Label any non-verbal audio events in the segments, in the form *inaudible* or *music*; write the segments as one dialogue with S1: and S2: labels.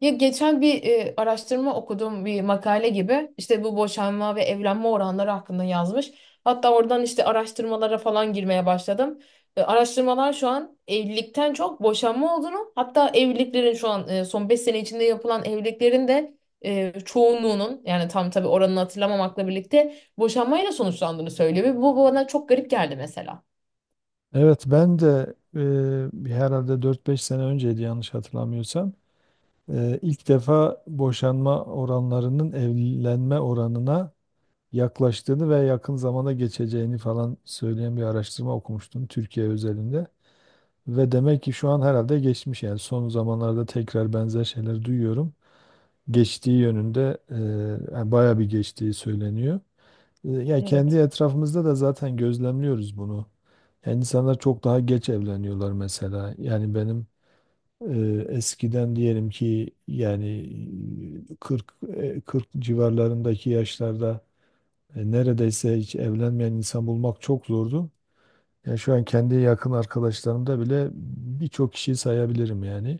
S1: Ya geçen bir araştırma okuduğum bir makale gibi işte bu boşanma ve evlenme oranları hakkında yazmış. Hatta oradan işte araştırmalara falan girmeye başladım. Araştırmalar şu an evlilikten çok boşanma olduğunu hatta evliliklerin şu an son 5 sene içinde yapılan evliliklerin de çoğunluğunun yani tam tabii oranını hatırlamamakla birlikte boşanmayla sonuçlandığını söylüyor. Ve bu bana çok garip geldi mesela.
S2: Evet ben de herhalde dört beş sene önceydi yanlış hatırlamıyorsam. İlk defa boşanma oranlarının evlenme oranına yaklaştığını ve yakın zamanda geçeceğini falan söyleyen bir araştırma okumuştum Türkiye özelinde. Ve demek ki şu an herhalde geçmiş, yani son zamanlarda tekrar benzer şeyler duyuyorum. Geçtiği yönünde, yani bayağı bir geçtiği söyleniyor. Ya kendi
S1: Evet.
S2: etrafımızda da zaten gözlemliyoruz bunu. Yani insanlar çok daha geç evleniyorlar mesela. Yani benim eskiden diyelim ki, yani 40, 40 civarlarındaki yaşlarda neredeyse hiç evlenmeyen insan bulmak çok zordu. Yani şu an kendi yakın arkadaşlarımda bile birçok kişiyi sayabilirim yani.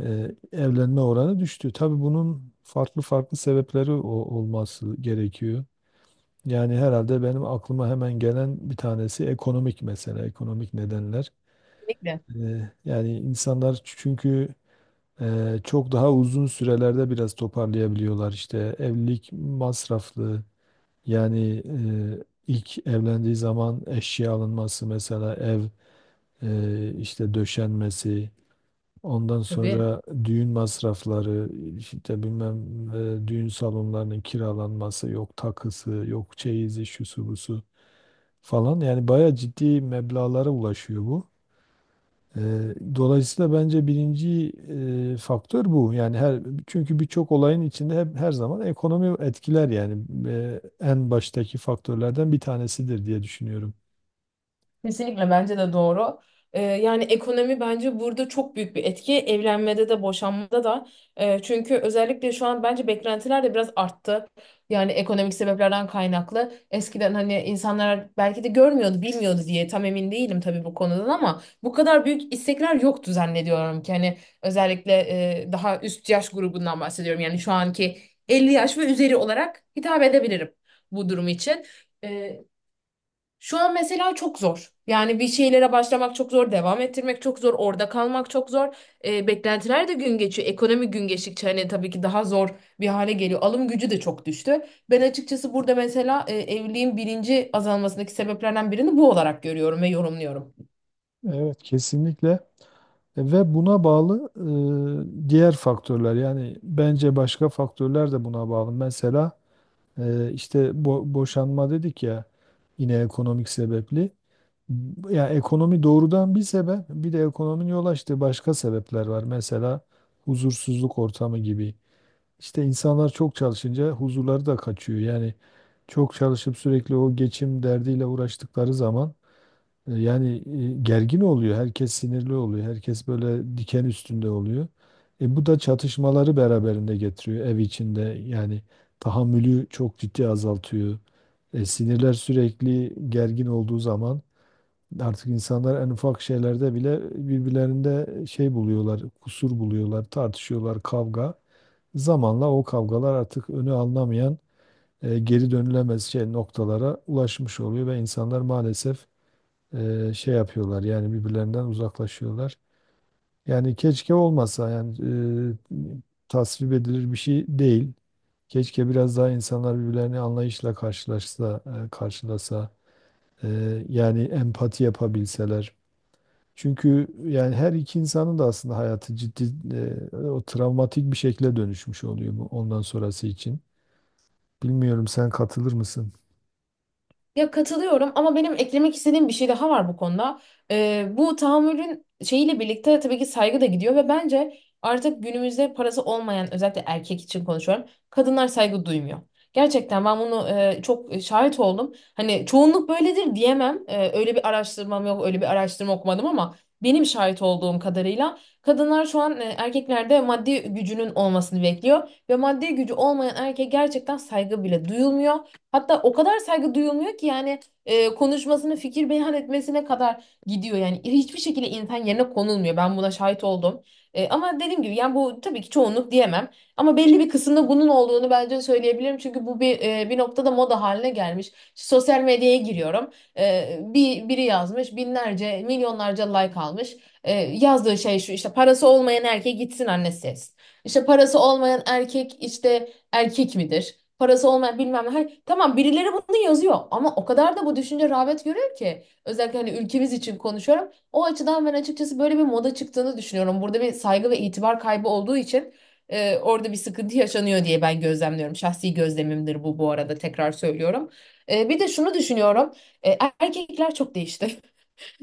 S2: Evlenme oranı düştü. Tabii bunun farklı farklı sebepleri olması gerekiyor. Yani herhalde benim aklıma hemen gelen bir tanesi ekonomik mesele, ekonomik nedenler.
S1: Kesinlikle.
S2: Yani insanlar, çünkü çok daha uzun sürelerde biraz toparlayabiliyorlar. İşte evlilik masraflı. Yani ilk evlendiği zaman eşya alınması, mesela ev işte döşenmesi. Ondan
S1: Tabii.
S2: sonra düğün masrafları, işte bilmem, düğün salonlarının kiralanması, yok takısı, yok çeyizi, şusu busu falan. Yani bayağı ciddi meblağlara ulaşıyor bu. Eee, Dolayısıyla bence birinci faktör bu. Yani çünkü birçok olayın içinde hep her zaman ekonomi etkiler yani. En baştaki faktörlerden bir tanesidir diye düşünüyorum.
S1: Kesinlikle bence de doğru. Yani ekonomi bence burada çok büyük bir etki. Evlenmede de boşanmada da. Çünkü özellikle şu an bence beklentiler de biraz arttı. Yani ekonomik sebeplerden kaynaklı. Eskiden hani insanlar belki de görmüyordu, bilmiyordu diye tam emin değilim tabii bu konudan ama bu kadar büyük istekler yoktu zannediyorum ki. Hani özellikle daha üst yaş grubundan bahsediyorum. Yani şu anki 50 yaş ve üzeri olarak hitap edebilirim bu durum için. Ee, Şu an mesela çok zor. Yani bir şeylere başlamak çok zor, devam ettirmek çok zor, orada kalmak çok zor. Beklentiler de gün geçiyor. Ekonomi gün geçtikçe hani tabii ki daha zor bir hale geliyor. Alım gücü de çok düştü. Ben açıkçası burada mesela evliliğin birinci azalmasındaki sebeplerden birini bu olarak görüyorum ve yorumluyorum.
S2: Evet, kesinlikle. Ve buna bağlı, diğer faktörler, yani bence başka faktörler de buna bağlı. Mesela işte boşanma dedik ya, yine ekonomik sebepli. Ya ekonomi doğrudan bir sebep, bir de ekonominin yol açtığı başka sebepler var. Mesela huzursuzluk ortamı gibi. İşte insanlar çok çalışınca huzurları da kaçıyor. Yani çok çalışıp sürekli o geçim derdiyle uğraştıkları zaman yani gergin oluyor. Herkes sinirli oluyor. Herkes böyle diken üstünde oluyor. Bu da çatışmaları beraberinde getiriyor ev içinde. Yani tahammülü çok ciddi azaltıyor. Sinirler sürekli gergin olduğu zaman artık insanlar en ufak şeylerde bile birbirlerinde şey buluyorlar, kusur buluyorlar, tartışıyorlar, kavga. Zamanla o kavgalar artık önü alınamayan, geri dönülemez şey noktalara ulaşmış oluyor ve insanlar maalesef şey yapıyorlar, yani birbirlerinden uzaklaşıyorlar. Yani keşke olmasa, yani e, tasvip edilir bir şey değil. Keşke biraz daha insanlar birbirlerini anlayışla karşılasa, e, yani empati yapabilseler. Çünkü yani her iki insanın da aslında hayatı ciddi, o travmatik bir şekle dönüşmüş oluyor bu, ondan sonrası için. Bilmiyorum, sen katılır mısın?
S1: Ya katılıyorum ama benim eklemek istediğim bir şey daha var bu konuda. Bu tahammülün şeyiyle birlikte tabii ki saygı da gidiyor ve bence artık günümüzde parası olmayan özellikle erkek için konuşuyorum. Kadınlar saygı duymuyor. Gerçekten ben bunu çok şahit oldum. Hani çoğunluk böyledir diyemem. Öyle bir araştırmam yok, öyle bir araştırma okumadım ama benim şahit olduğum kadarıyla kadınlar şu an erkeklerde maddi gücünün olmasını bekliyor ve maddi gücü olmayan erkeğe gerçekten saygı bile duyulmuyor. Hatta o kadar saygı duyulmuyor ki yani konuşmasını, fikir beyan etmesine kadar gidiyor. Yani hiçbir şekilde insan yerine konulmuyor. Ben buna şahit oldum. Ama dediğim gibi yani bu tabii ki çoğunluk diyemem. Ama belli bir kısımda bunun olduğunu bence söyleyebilirim. Çünkü bu bir noktada moda haline gelmiş. İşte sosyal medyaya giriyorum. Biri yazmış binlerce, milyonlarca like almış. Yazdığı şey şu, işte parası olmayan erkeğe gitsin annesi etsin. İşte parası olmayan erkek işte erkek midir? Parası olmayan bilmem ne. Hani, tamam birileri bunu yazıyor ama o kadar da bu düşünce rağbet görüyor ki. Özellikle hani ülkemiz için konuşuyorum. O açıdan ben açıkçası böyle bir moda çıktığını düşünüyorum. Burada bir saygı ve itibar kaybı olduğu için orada bir sıkıntı yaşanıyor diye ben gözlemliyorum. Şahsi gözlemimdir bu, bu arada tekrar söylüyorum. Bir de şunu düşünüyorum. Erkekler çok değişti.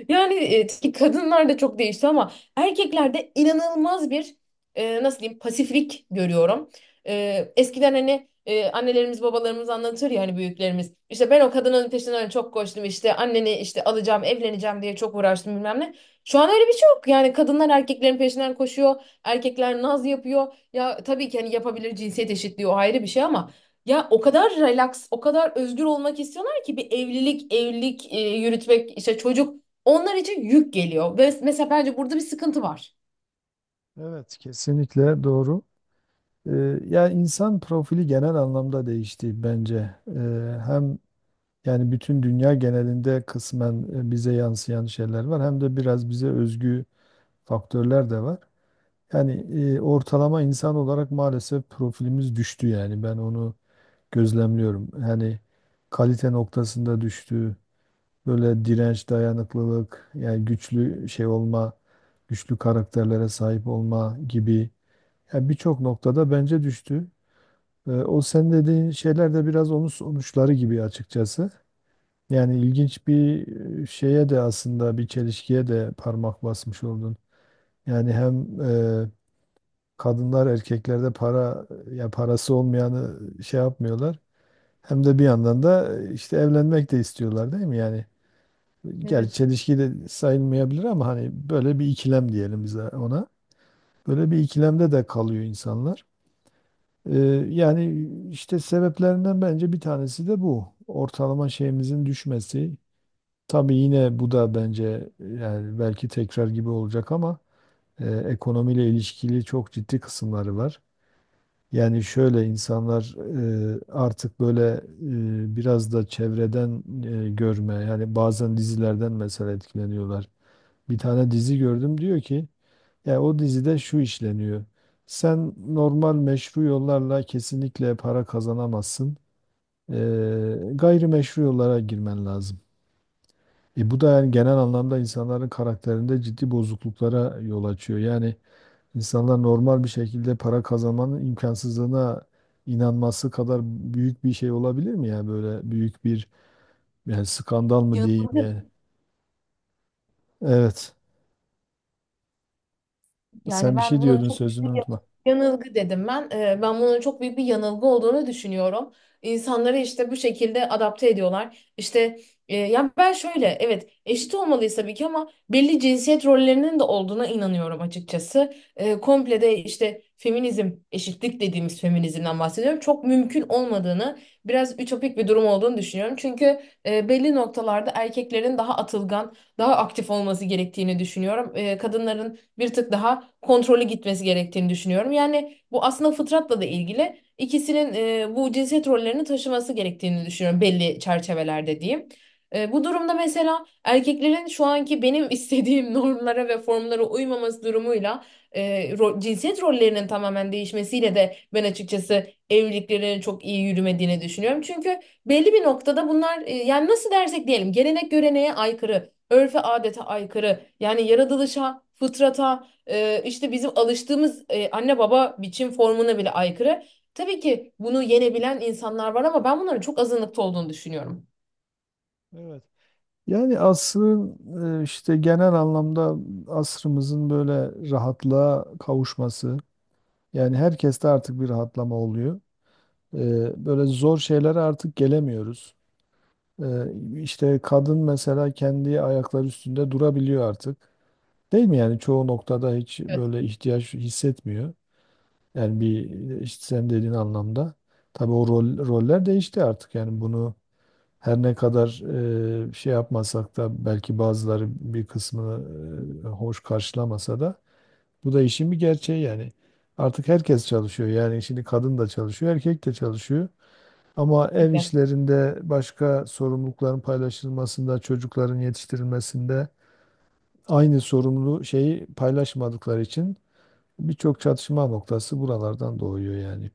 S1: Yani ki kadınlar da çok değişti ama erkeklerde inanılmaz bir nasıl diyeyim pasiflik görüyorum. Eskiden hani annelerimiz babalarımız anlatır ya hani büyüklerimiz, İşte ben o kadının peşinden çok koştum, işte anneni işte alacağım evleneceğim diye çok uğraştım bilmem ne. Şu an öyle bir şey yok, yani kadınlar erkeklerin peşinden koşuyor, erkekler naz yapıyor, ya tabii ki hani yapabilir, cinsiyet eşitliği o ayrı bir şey ama. Ya o kadar relax, o kadar özgür olmak istiyorlar ki bir evlilik yürütmek, işte çocuk onlar için yük geliyor. Ve mesela bence burada bir sıkıntı var.
S2: Evet, kesinlikle doğru. Ee, Yani insan profili genel anlamda değişti bence. Hem yani bütün dünya genelinde kısmen bize yansıyan şeyler var, hem de biraz bize özgü faktörler de var. Yani ortalama insan olarak maalesef profilimiz düştü, yani ben onu gözlemliyorum. Yani kalite noktasında düştü. Böyle direnç, dayanıklılık, yani güçlü şey olma, güçlü karakterlere sahip olma gibi, yani birçok noktada bence düştü. O sen dediğin şeyler de biraz onun sonuçları gibi açıkçası. Yani ilginç bir şeye de, aslında bir çelişkiye de parmak basmış oldun. Yani hem kadınlar erkeklerde para, ya parası olmayanı şey yapmıyorlar. Hem de bir yandan da işte evlenmek de istiyorlar, değil mi? Yani gerçi
S1: Evet.
S2: çelişki de sayılmayabilir ama hani böyle bir ikilem diyelim bize ona. Böyle bir ikilemde de kalıyor insanlar. Ee, Yani işte sebeplerinden bence bir tanesi de bu. Ortalama şeyimizin düşmesi. Tabii yine bu da bence yani belki tekrar gibi olacak ama ekonomiyle ilişkili çok ciddi kısımları var. Yani şöyle, insanlar artık böyle biraz da çevreden görme, yani bazen dizilerden mesela etkileniyorlar. Bir tane dizi gördüm diyor ki ya, o dizide şu işleniyor. Sen normal meşru yollarla kesinlikle para kazanamazsın. Gayri meşru yollara girmen lazım. Bu da yani genel anlamda insanların karakterinde ciddi bozukluklara yol açıyor. Yani İnsanlar normal bir şekilde para kazanmanın imkansızlığına inanması kadar büyük bir şey olabilir mi ya, böyle büyük bir, yani skandal mı diyeyim
S1: Yanılabilir.
S2: yani. Evet.
S1: Yani
S2: Sen bir şey
S1: ben bunun
S2: diyordun,
S1: çok büyük
S2: sözünü
S1: bir
S2: unutma.
S1: yanılgı dedim ben. Ben bunun çok büyük bir yanılgı olduğunu düşünüyorum. İnsanları işte bu şekilde adapte ediyorlar. İşte yani ben şöyle, evet eşit olmalıyız tabii ki ama belli cinsiyet rollerinin de olduğuna inanıyorum açıkçası. Komple de işte feminizm, eşitlik dediğimiz feminizmden bahsediyorum. Çok mümkün olmadığını, biraz ütopik bir durum olduğunu düşünüyorum. Çünkü belli noktalarda erkeklerin daha atılgan, daha aktif olması gerektiğini düşünüyorum. Kadınların bir tık daha kontrollü gitmesi gerektiğini düşünüyorum. Yani bu aslında fıtratla da ilgili, ikisinin bu cinsiyet rollerini taşıması gerektiğini düşünüyorum belli çerçevelerde diyeyim. Bu durumda mesela erkeklerin şu anki benim *laughs* istediğim normlara ve formlara uymaması durumuyla, e, cinsiyet rollerinin tamamen değişmesiyle de ben açıkçası evliliklerin çok iyi yürümediğini düşünüyorum. Çünkü belli bir noktada bunlar yani nasıl dersek diyelim gelenek göreneğe aykırı, örfe adete aykırı. Yani yaratılışa, fıtrata, işte bizim alıştığımız anne baba biçim formuna bile aykırı. Tabii ki bunu yenebilen insanlar var ama ben bunların çok azınlıkta olduğunu düşünüyorum.
S2: Evet. Yani asrın işte genel anlamda asrımızın böyle rahatlığa kavuşması. Yani herkeste artık bir rahatlama oluyor. Böyle zor şeylere artık gelemiyoruz. E, İşte kadın mesela kendi ayakları üstünde durabiliyor artık. Değil mi yani, çoğu noktada hiç
S1: Evet.
S2: böyle ihtiyaç hissetmiyor. Yani bir, işte sen dediğin anlamda. Tabii o roller değişti artık. Yani bunu her ne kadar şey yapmasak da, belki bazıları bir kısmını hoş karşılamasa da, bu da işin bir gerçeği yani. Artık herkes çalışıyor. Yani şimdi kadın da çalışıyor, erkek de çalışıyor. Ama ev
S1: Kesinlikle.
S2: işlerinde, başka sorumlulukların paylaşılmasında, çocukların yetiştirilmesinde aynı sorumluluğu, şeyi paylaşmadıkları için birçok çatışma noktası buralardan doğuyor yani.